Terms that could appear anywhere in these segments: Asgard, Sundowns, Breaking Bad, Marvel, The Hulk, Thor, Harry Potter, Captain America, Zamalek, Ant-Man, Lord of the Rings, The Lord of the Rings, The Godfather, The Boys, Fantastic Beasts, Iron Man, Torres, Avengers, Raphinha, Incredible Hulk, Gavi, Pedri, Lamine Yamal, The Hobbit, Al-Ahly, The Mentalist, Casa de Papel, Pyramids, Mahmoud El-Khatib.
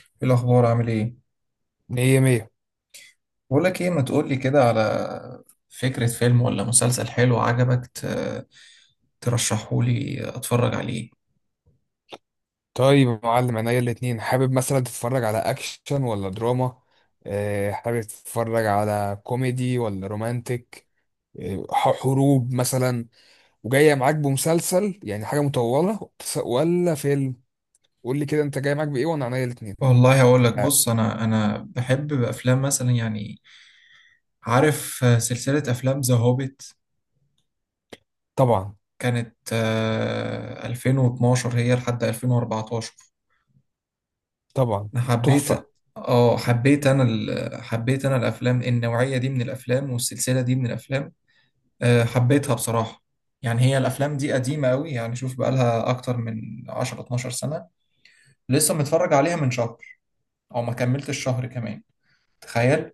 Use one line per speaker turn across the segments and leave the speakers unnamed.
ايه الاخبار عامل ايه؟
مية مية.
بقول لك ايه، ما تقول لي كده على فكرة فيلم ولا مسلسل حلو عجبك ترشحه لي اتفرج عليه.
طيب يا معلم، عينيا الاتنين. حابب مثلا تتفرج على أكشن ولا دراما؟ حابب تتفرج على كوميدي ولا رومانتك؟ حروب مثلا؟ وجاية معاك بمسلسل يعني حاجة مطولة، ولا فيلم؟ قول لي كده، أنت جاي معاك بإيه وأنا عينيا الاتنين؟
والله هقول لك،
آه،
بص انا بحب افلام مثلا يعني. عارف سلسلة افلام ذا هوبيت؟
طبعا.
كانت 2012 هي لحد 2014.
طبعا.
انا
تحفة.
حبيت. حبيت انا الافلام النوعية دي من الافلام، والسلسلة دي من الافلام. حبيتها بصراحة. يعني هي الأفلام دي قديمة أوي، يعني شوف بقالها أكتر من 10 12 سنة. لسه متفرج عليها من شهر أو ما كملتش الشهر كمان، تخيل.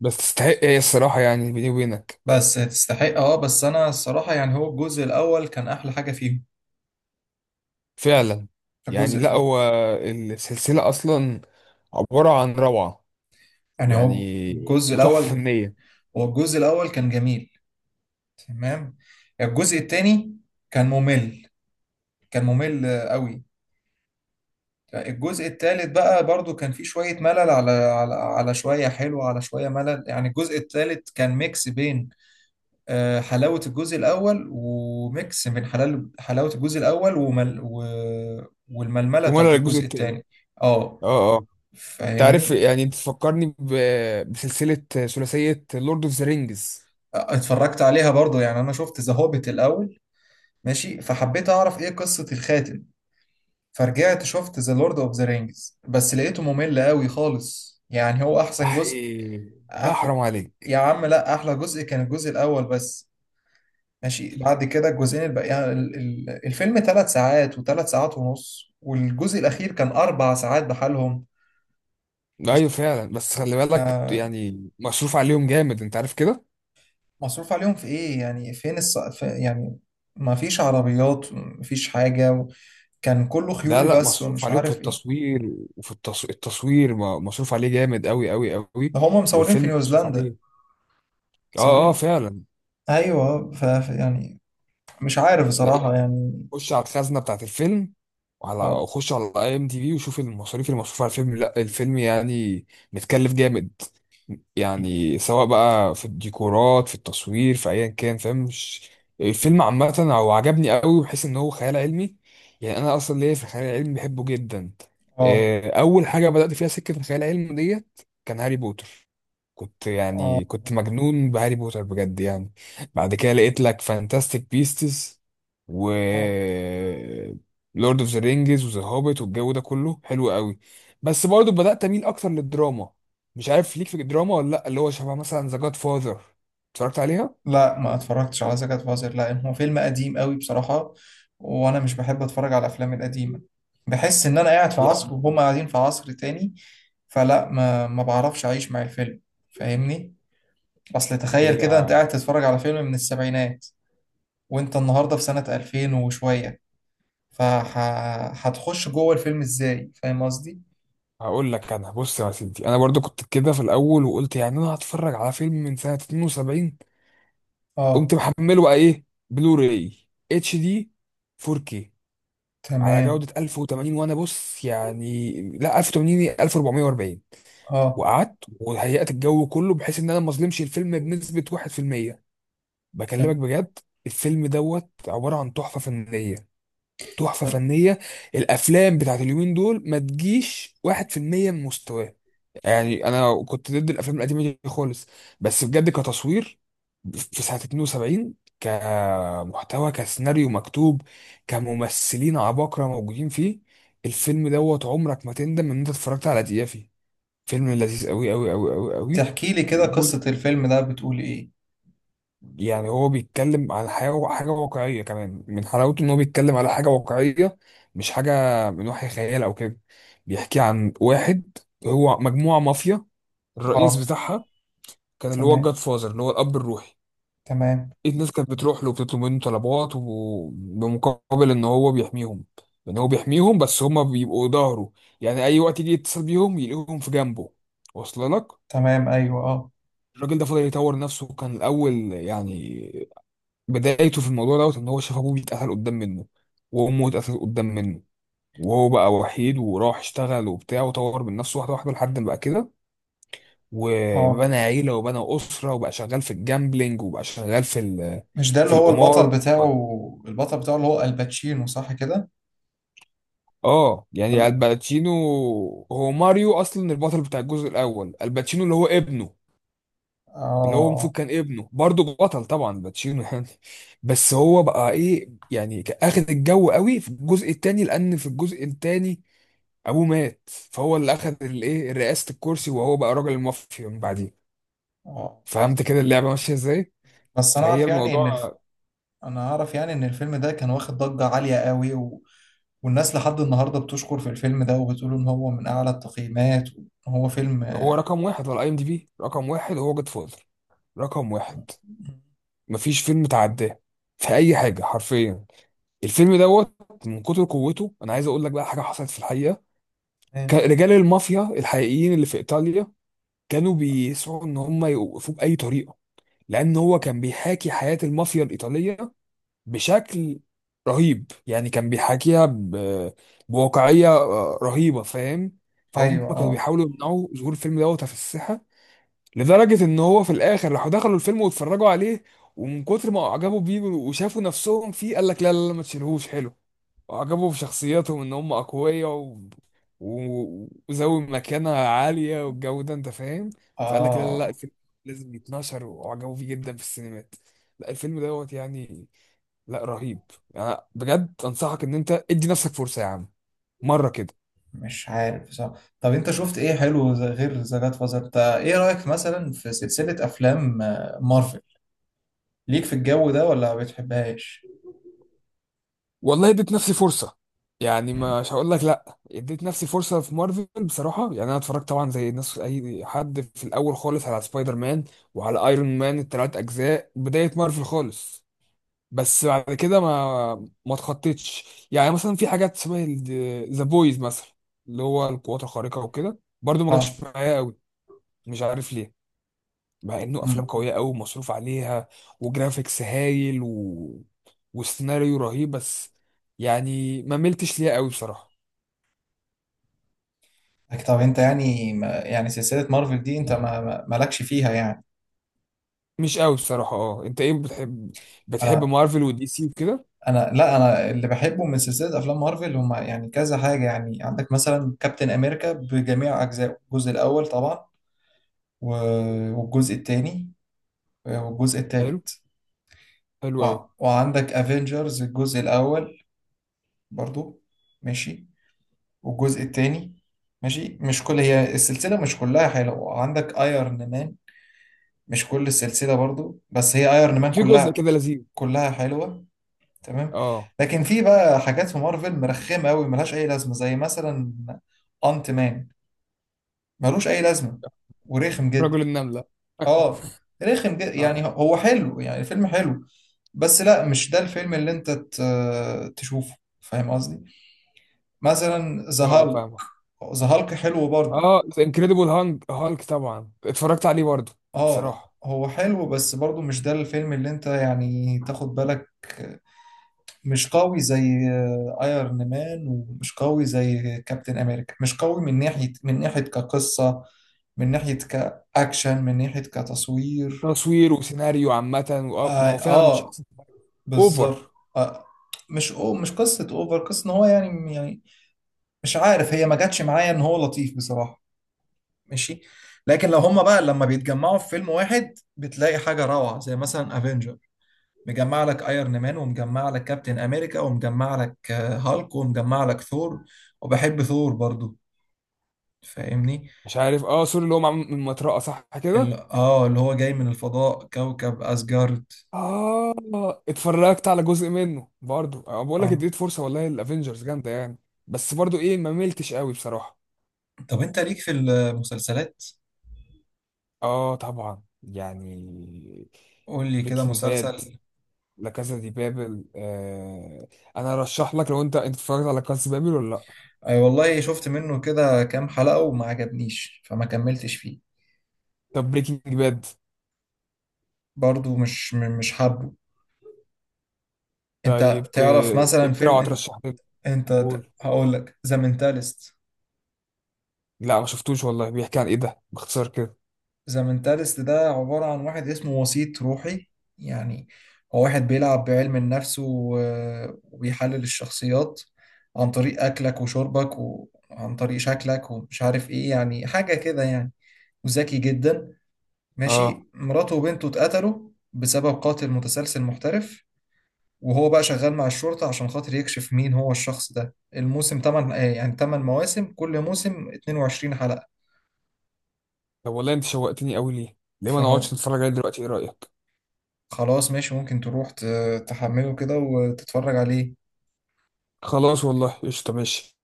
بس تستحق، إيه الصراحة يعني، بيني وبينك.
بس تستحق. بس أنا الصراحة يعني هو الجزء الأول كان أحلى حاجة فيهم.
فعلا. يعني
الجزء
لا،
الأول.
هو السلسلة أصلا عبارة عن روعة،
يعني هو
يعني،
الجزء
وتحفة
الأول،
فنية.
هو الجزء الأول كان جميل، تمام. الجزء التاني كان ممل، كان ممل أوي. يعني الجزء الثالث بقى برضو كان فيه شوية ملل، على شوية حلو، على شوية ملل. يعني الجزء الثالث كان ميكس بين حلاوة الجزء الأول، وميكس من حلال حلاوة الجزء الأول ومل والململة بتاعت
وماله الجزء
الجزء
التاني؟
الثاني. اه،
اه، اه. تعرف
فاهمني.
يعني، بتفكرني بسلسلة ثلاثية لورد اوف ذا رينجز.
اتفرجت عليها برضو. يعني أنا شفت ذا هوبيت الأول، ماشي، فحبيت أعرف إيه قصة الخاتم. فرجعت شفت ذا لورد أوف ذا رينجز، بس لقيته ممل قوي خالص. يعني هو أحسن جزء؟
احي، لا حرام
يا
عليك.
عم لا، احلى جزء كان الجزء الاول بس. ماشي، بعد كده الجزئين الباقيين الفيلم ثلاث ساعات، وثلاث ساعات ونص، والجزء الاخير كان اربع ساعات بحالهم.
لا ايوه،
مش
فعلا، بس خلي بالك
آه،
يعني مصروف عليهم جامد، انت عارف كده.
مصروف عليهم في ايه يعني؟ فين في يعني ما فيش عربيات، ما فيش حاجة كان كله
لا
خيول
لا،
بس،
مصروف
ومش
عليهم في
عارف ايه.
التصوير. التصوير مصروف عليه جامد قوي قوي قوي.
ده هما مصورين في
والفيلم مصروف
نيوزيلندا،
عليه. اه اه،
مصورين.
فعلا.
ايوه، يعني مش عارف
لا
بصراحة
يعني،
يعني.
خش على الخزنه بتاعت الفيلم،
اه،
خش على اي ام دي بي وشوف المصاريف اللي مصروفه على الفيلم. لا الفيلم يعني متكلف جامد. يعني سواء بقى في الديكورات، في التصوير، في ايا كان، فاهم مش؟ الفيلم عامه هو عجبني قوي بحيث ان هو خيال علمي. يعني انا اصلا ليا في الخيال العلمي، بحبه جدا.
اه،
اول حاجه بدات فيها سكه الخيال العلمي ديت كان هاري بوتر. كنت
اه،
يعني كنت مجنون بهاري بوتر بجد يعني. بعد كده لقيت لك فانتاستيك بيستس و
اه.
لورد اوف ذا رينجز وذا هوبيت، والجو ده كله حلو قوي. بس برضه بدأت اميل اكتر للدراما. مش عارف ليك في الدراما ولا لا؟ اللي هو شبه مثلا ذا جاد فاذر، اتفرجت عليها؟
لا ما اتفرجتش على زكاة فازر، لا هو فيلم قديم قوي بصراحة. وانا مش بحب اتفرج على الافلام القديمة. بحس ان انا قاعد في
يعني
عصر وهم قاعدين في عصر تاني. فلا ما بعرفش اعيش مع الفيلم، فاهمني. اصل تخيل
هي.
كده انت قاعد تتفرج على فيلم من السبعينات، وانت النهاردة في سنة 2000 وشوية، فهتخش جوه الفيلم ازاي؟ فاهم قصدي.
هقول لك انا، بص يا سيدي، انا برضو كنت كده في الاول، وقلت يعني انا هتفرج على فيلم من سنة 72.
اه،
قمت محمله بقى ايه، بلوراي، اتش دي، 4K، على
تمام.
جودة 1080. وانا بص يعني، لا 1080 1440.
اه،
وقعدت وهيأت الجو كله بحيث ان انا ما اظلمش الفيلم بنسبة 1%. بكلمك
تمام.
بجد، الفيلم دوت عبارة عن تحفة فنية، تحفة
طب
فنية. الافلام بتاعت اليومين دول ما تجيش 1% من مستواه. يعني انا كنت ضد الافلام القديمة دي خالص، بس بجد، كتصوير في سنة 72، كمحتوى، كسيناريو مكتوب، كممثلين عباقرة موجودين فيه، الفيلم دوت عمرك ما تندم ان انت اتفرجت على دقيقة فيه. فيلم لذيذ قوي قوي قوي قوي قوي.
تحكي لي كده
وجزء-
قصة الفيلم ده بتقول ايه؟
يعني هو بيتكلم على حاجة واقعية كمان. من حلاوته إن هو بيتكلم على حاجة واقعية، مش حاجة من وحي خيال أو كده. بيحكي عن واحد، هو مجموعة مافيا، الرئيس
اه،
بتاعها كان اللي هو
تمام.
الجاد فازر، اللي هو الأب الروحي.
تمام.
الناس كانت بتروح له وبتطلب منه طلبات، وبمقابل إن هو بيحميهم، إن هو بيحميهم، بس هما بيبقوا ظهره. يعني أي وقت يجي يتصل بيهم يلاقيهم في جنبه. واصل لك؟
تمام. ايوه، اه،
الراجل ده فضل يطور نفسه. كان الاول يعني بدايته في الموضوع دوت ان هو شاف ابوه بيتقتل قدام منه، وامه اتقتلت قدام منه، وهو بقى وحيد، وراح اشتغل وبتاع وطور من نفسه واحده واحده لحد ما بقى كده.
اه.
وبنى عيله وبنى اسره، وبقى شغال في الجامبلينج وبقى شغال
مش ده
في
اللي هو البطل
القمار.
بتاعه؟ البطل بتاعه اللي هو الباتشينو، صح كده؟
اه، يعني
ولا؟
الباتشينو. هو ماريو اصلا البطل بتاع الجزء الاول، الباتشينو اللي هو ابنه، اللي هو المفروض
اه،
كان ابنه برضه بطل، طبعا باتشينو يعني. بس هو بقى ايه يعني، كان اخد الجو قوي في الجزء التاني، لان في الجزء التاني ابوه مات، فهو اللي اخد الايه، رئاسة الكرسي، وهو بقى راجل المافيا من بعديه.
اه.
فهمت كده اللعبة ماشية ازاي؟
بس انا
فهي
اعرف يعني
الموضوع.
ان انا اعرف يعني ان الفيلم ده كان واخد ضجة عالية قوي والناس لحد النهاردة بتشكر في الفيلم ده، وبتقول ان هو من اعلى التقييمات، وان هو فيلم.
هو رقم واحد على اي ام دي بي، رقم واحد هو جود فوزر. رقم واحد، مفيش فيلم تعداه في اي حاجة حرفيا. الفيلم دوت، من كتر قوته، انا عايز اقول لك بقى حاجة حصلت في الحقيقة.
إيه؟
كان رجال المافيا الحقيقيين اللي في ايطاليا كانوا بيسعوا ان هم يوقفوه باي طريقه، لان هو كان بيحاكي حياه المافيا الايطاليه بشكل رهيب. يعني كان بيحاكيها بواقعيه رهيبه، فاهم؟ فهم
ايوه،
كانوا
اه،
بيحاولوا يمنعوا ظهور الفيلم دوت في الساحه، لدرجه ان هو في الاخر راحوا دخلوا الفيلم واتفرجوا عليه. ومن كتر ما اعجبوا بيه وشافوا نفسهم فيه، قال لك لا لا لا، ما تشيلهوش، حلو. وعجبهم شخصياتهم ان هم اقوياء وذوي مكانة عالية والجو ده، انت فاهم؟ فقال لك لا لا لا،
اه.
الفيلم لازم يتنشر، وعجبوا فيه جدا في السينمات. لا الفيلم دوت يعني، لا رهيب. يعني بجد انصحك ان انت ادي نفسك فرصة يا عم، مرة كده.
مش عارف بصراحة. طب انت شفت ايه حلو غير ذا جاد فازر؟ انت ايه رأيك مثلا في سلسلة افلام مارفل؟ ليك في الجو ده ولا ما بتحبهاش؟
والله اديت نفسي فرصة، يعني مش هقول لك لا. اديت نفسي فرصة في مارفل بصراحة. يعني انا اتفرجت طبعا زي الناس، اي حد في الاول خالص، على سبايدر مان وعلى ايرون مان التلات اجزاء، بداية مارفل خالص. بس بعد كده ما اتخطيتش. يعني مثلا في حاجات شبه ذا بويز مثلا، اللي هو القوات الخارقة وكده، برضو ما
اه.
جاش معايا قوي. مش عارف ليه، مع انه افلام
امم
قوية قوي ومصروف عليها وجرافيكس هايل وسيناريو رهيب. بس يعني ما ملتش ليها قوي بصراحة.
لكن طب انت يعني، ما يعني سلسلة مارفل دي انت مالكش فيها يعني؟
مش قوي بصراحة. اه، انت ايه بتحب؟ بتحب
انا
مارفل ودي سي وكده؟
انا لا، انا اللي بحبه من سلسلة افلام مارفل هم يعني كذا حاجة. يعني عندك مثلا كابتن امريكا بجميع اجزائه، الجزء الاول طبعا، والجزء الثاني، والجزء
حلو.
الثالث.
حلو قوي.
وعندك افنجرز الجزء الاول برضو، ماشي، والجزء الثاني ماشي. مش كل، هي السلسلة مش كلها حلوة. عندك ايرون مان، مش كل السلسلة برضو، بس هي ايرون مان
وفي جزء
كلها،
كده لذيذ.
كلها حلوة، تمام.
اه،
لكن في بقى حاجات في مارفل مرخمة قوي ملهاش اي لازمة، زي مثلا انت مان، ملوش اي لازمة، ورخم جدا.
رجل النملة.
اه، رخم جدا. يعني
اه،
هو حلو، يعني الفيلم حلو، بس لا، مش ده الفيلم اللي انت تشوفه، فاهم قصدي؟ مثلا ذا
اه،
هالك.
فاهم.
ذا هالك حلو برضو.
اه، انكريدبل هانك هالك، طبعا اتفرجت عليه برضه.
اه،
بصراحه،
هو حلو بس برضو مش ده الفيلم اللي انت يعني تاخد بالك. مش قوي زي ايرون مان، ومش قوي زي كابتن امريكا. مش قوي من ناحية كقصة، من ناحية كأكشن، من ناحية كتصوير.
تصوير وسيناريو عامه، وآه، ما
اه،
هو فعلا مش
آه،
احسن حاجة. اوفر.
بالظبط، آه. مش أو مش قصة اوفر. قصة ان هو يعني مش عارف، هي ما جاتش معايا، ان هو لطيف بصراحة، ماشي. لكن لو هما بقى لما بيتجمعوا في فيلم واحد، بتلاقي حاجة روعة، زي مثلا افنجرز، مجمع لك ايرون مان، ومجمع لك كابتن امريكا، ومجمع لك هالك، ومجمع لك ثور. وبحب ثور برضو، فاهمني.
مش عارف. اه، سوري اللي هو معمول من مطرقه، صح
ال...
كده؟
اه اللي هو جاي من الفضاء، كوكب اسجارد.
اه، اتفرجت على جزء منه برضه. آه، بقول لك
اه.
اديت فرصه، والله الافينجرز جامده يعني. بس برضه ايه، ما ملتش قوي بصراحه.
طب انت ليك في المسلسلات؟
اه طبعا يعني.
قول لي كده
بريكنج باد.
مسلسل.
لا، كازا دي بابل، آه. انا ارشح لك، لو انت اتفرجت على كازا دي بابل ولا لا؟
اي والله، شفت منه كده كام حلقة وما عجبنيش، فما كملتش فيه.
طب بريكنج باد.
برضو مش حابه.
طيب
انت تعرف مثلا في
اقترح وترشح لي.
انت
قول.
هقول لك ذا مينتالست.
لا ما شفتوش والله. بيحكي عن ايه ده، باختصار كده؟
زمنتالست ده عبارة عن واحد اسمه وسيط روحي. يعني هو واحد بيلعب بعلم النفس وبيحلل الشخصيات عن طريق أكلك وشربك، وعن طريق شكلك ومش عارف إيه، يعني حاجة كده يعني، وذكي جدا،
اه.
ماشي. مراته وبنته اتقتلوا بسبب قاتل متسلسل محترف، وهو بقى شغال مع الشرطة عشان خاطر يكشف مين هو الشخص ده. الموسم تمن، يعني تمن مواسم، كل موسم 22 حلقة.
طب والله انت شوقتني قوي. ليه ما نقعدش
فهو
نتفرج عليه دلوقتي؟ ايه رايك؟
خلاص ماشي، ممكن تروح تحمله كده وتتفرج عليه.
خلاص والله، قشطه، ماشي.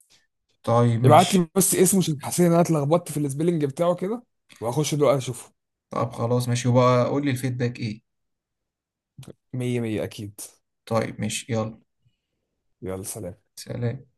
طيب
ابعت لي
ماشي.
بس اسمه، عشان حسيت ان انا اتلخبطت في السبيلنج بتاعه كده، وهخش دلوقتي اشوفه.
طب خلاص ماشي، وبقى قول لي الفيدباك ايه.
مية مية، اكيد.
طيب ماشي، يلا،
يلا، سلام.
سلام.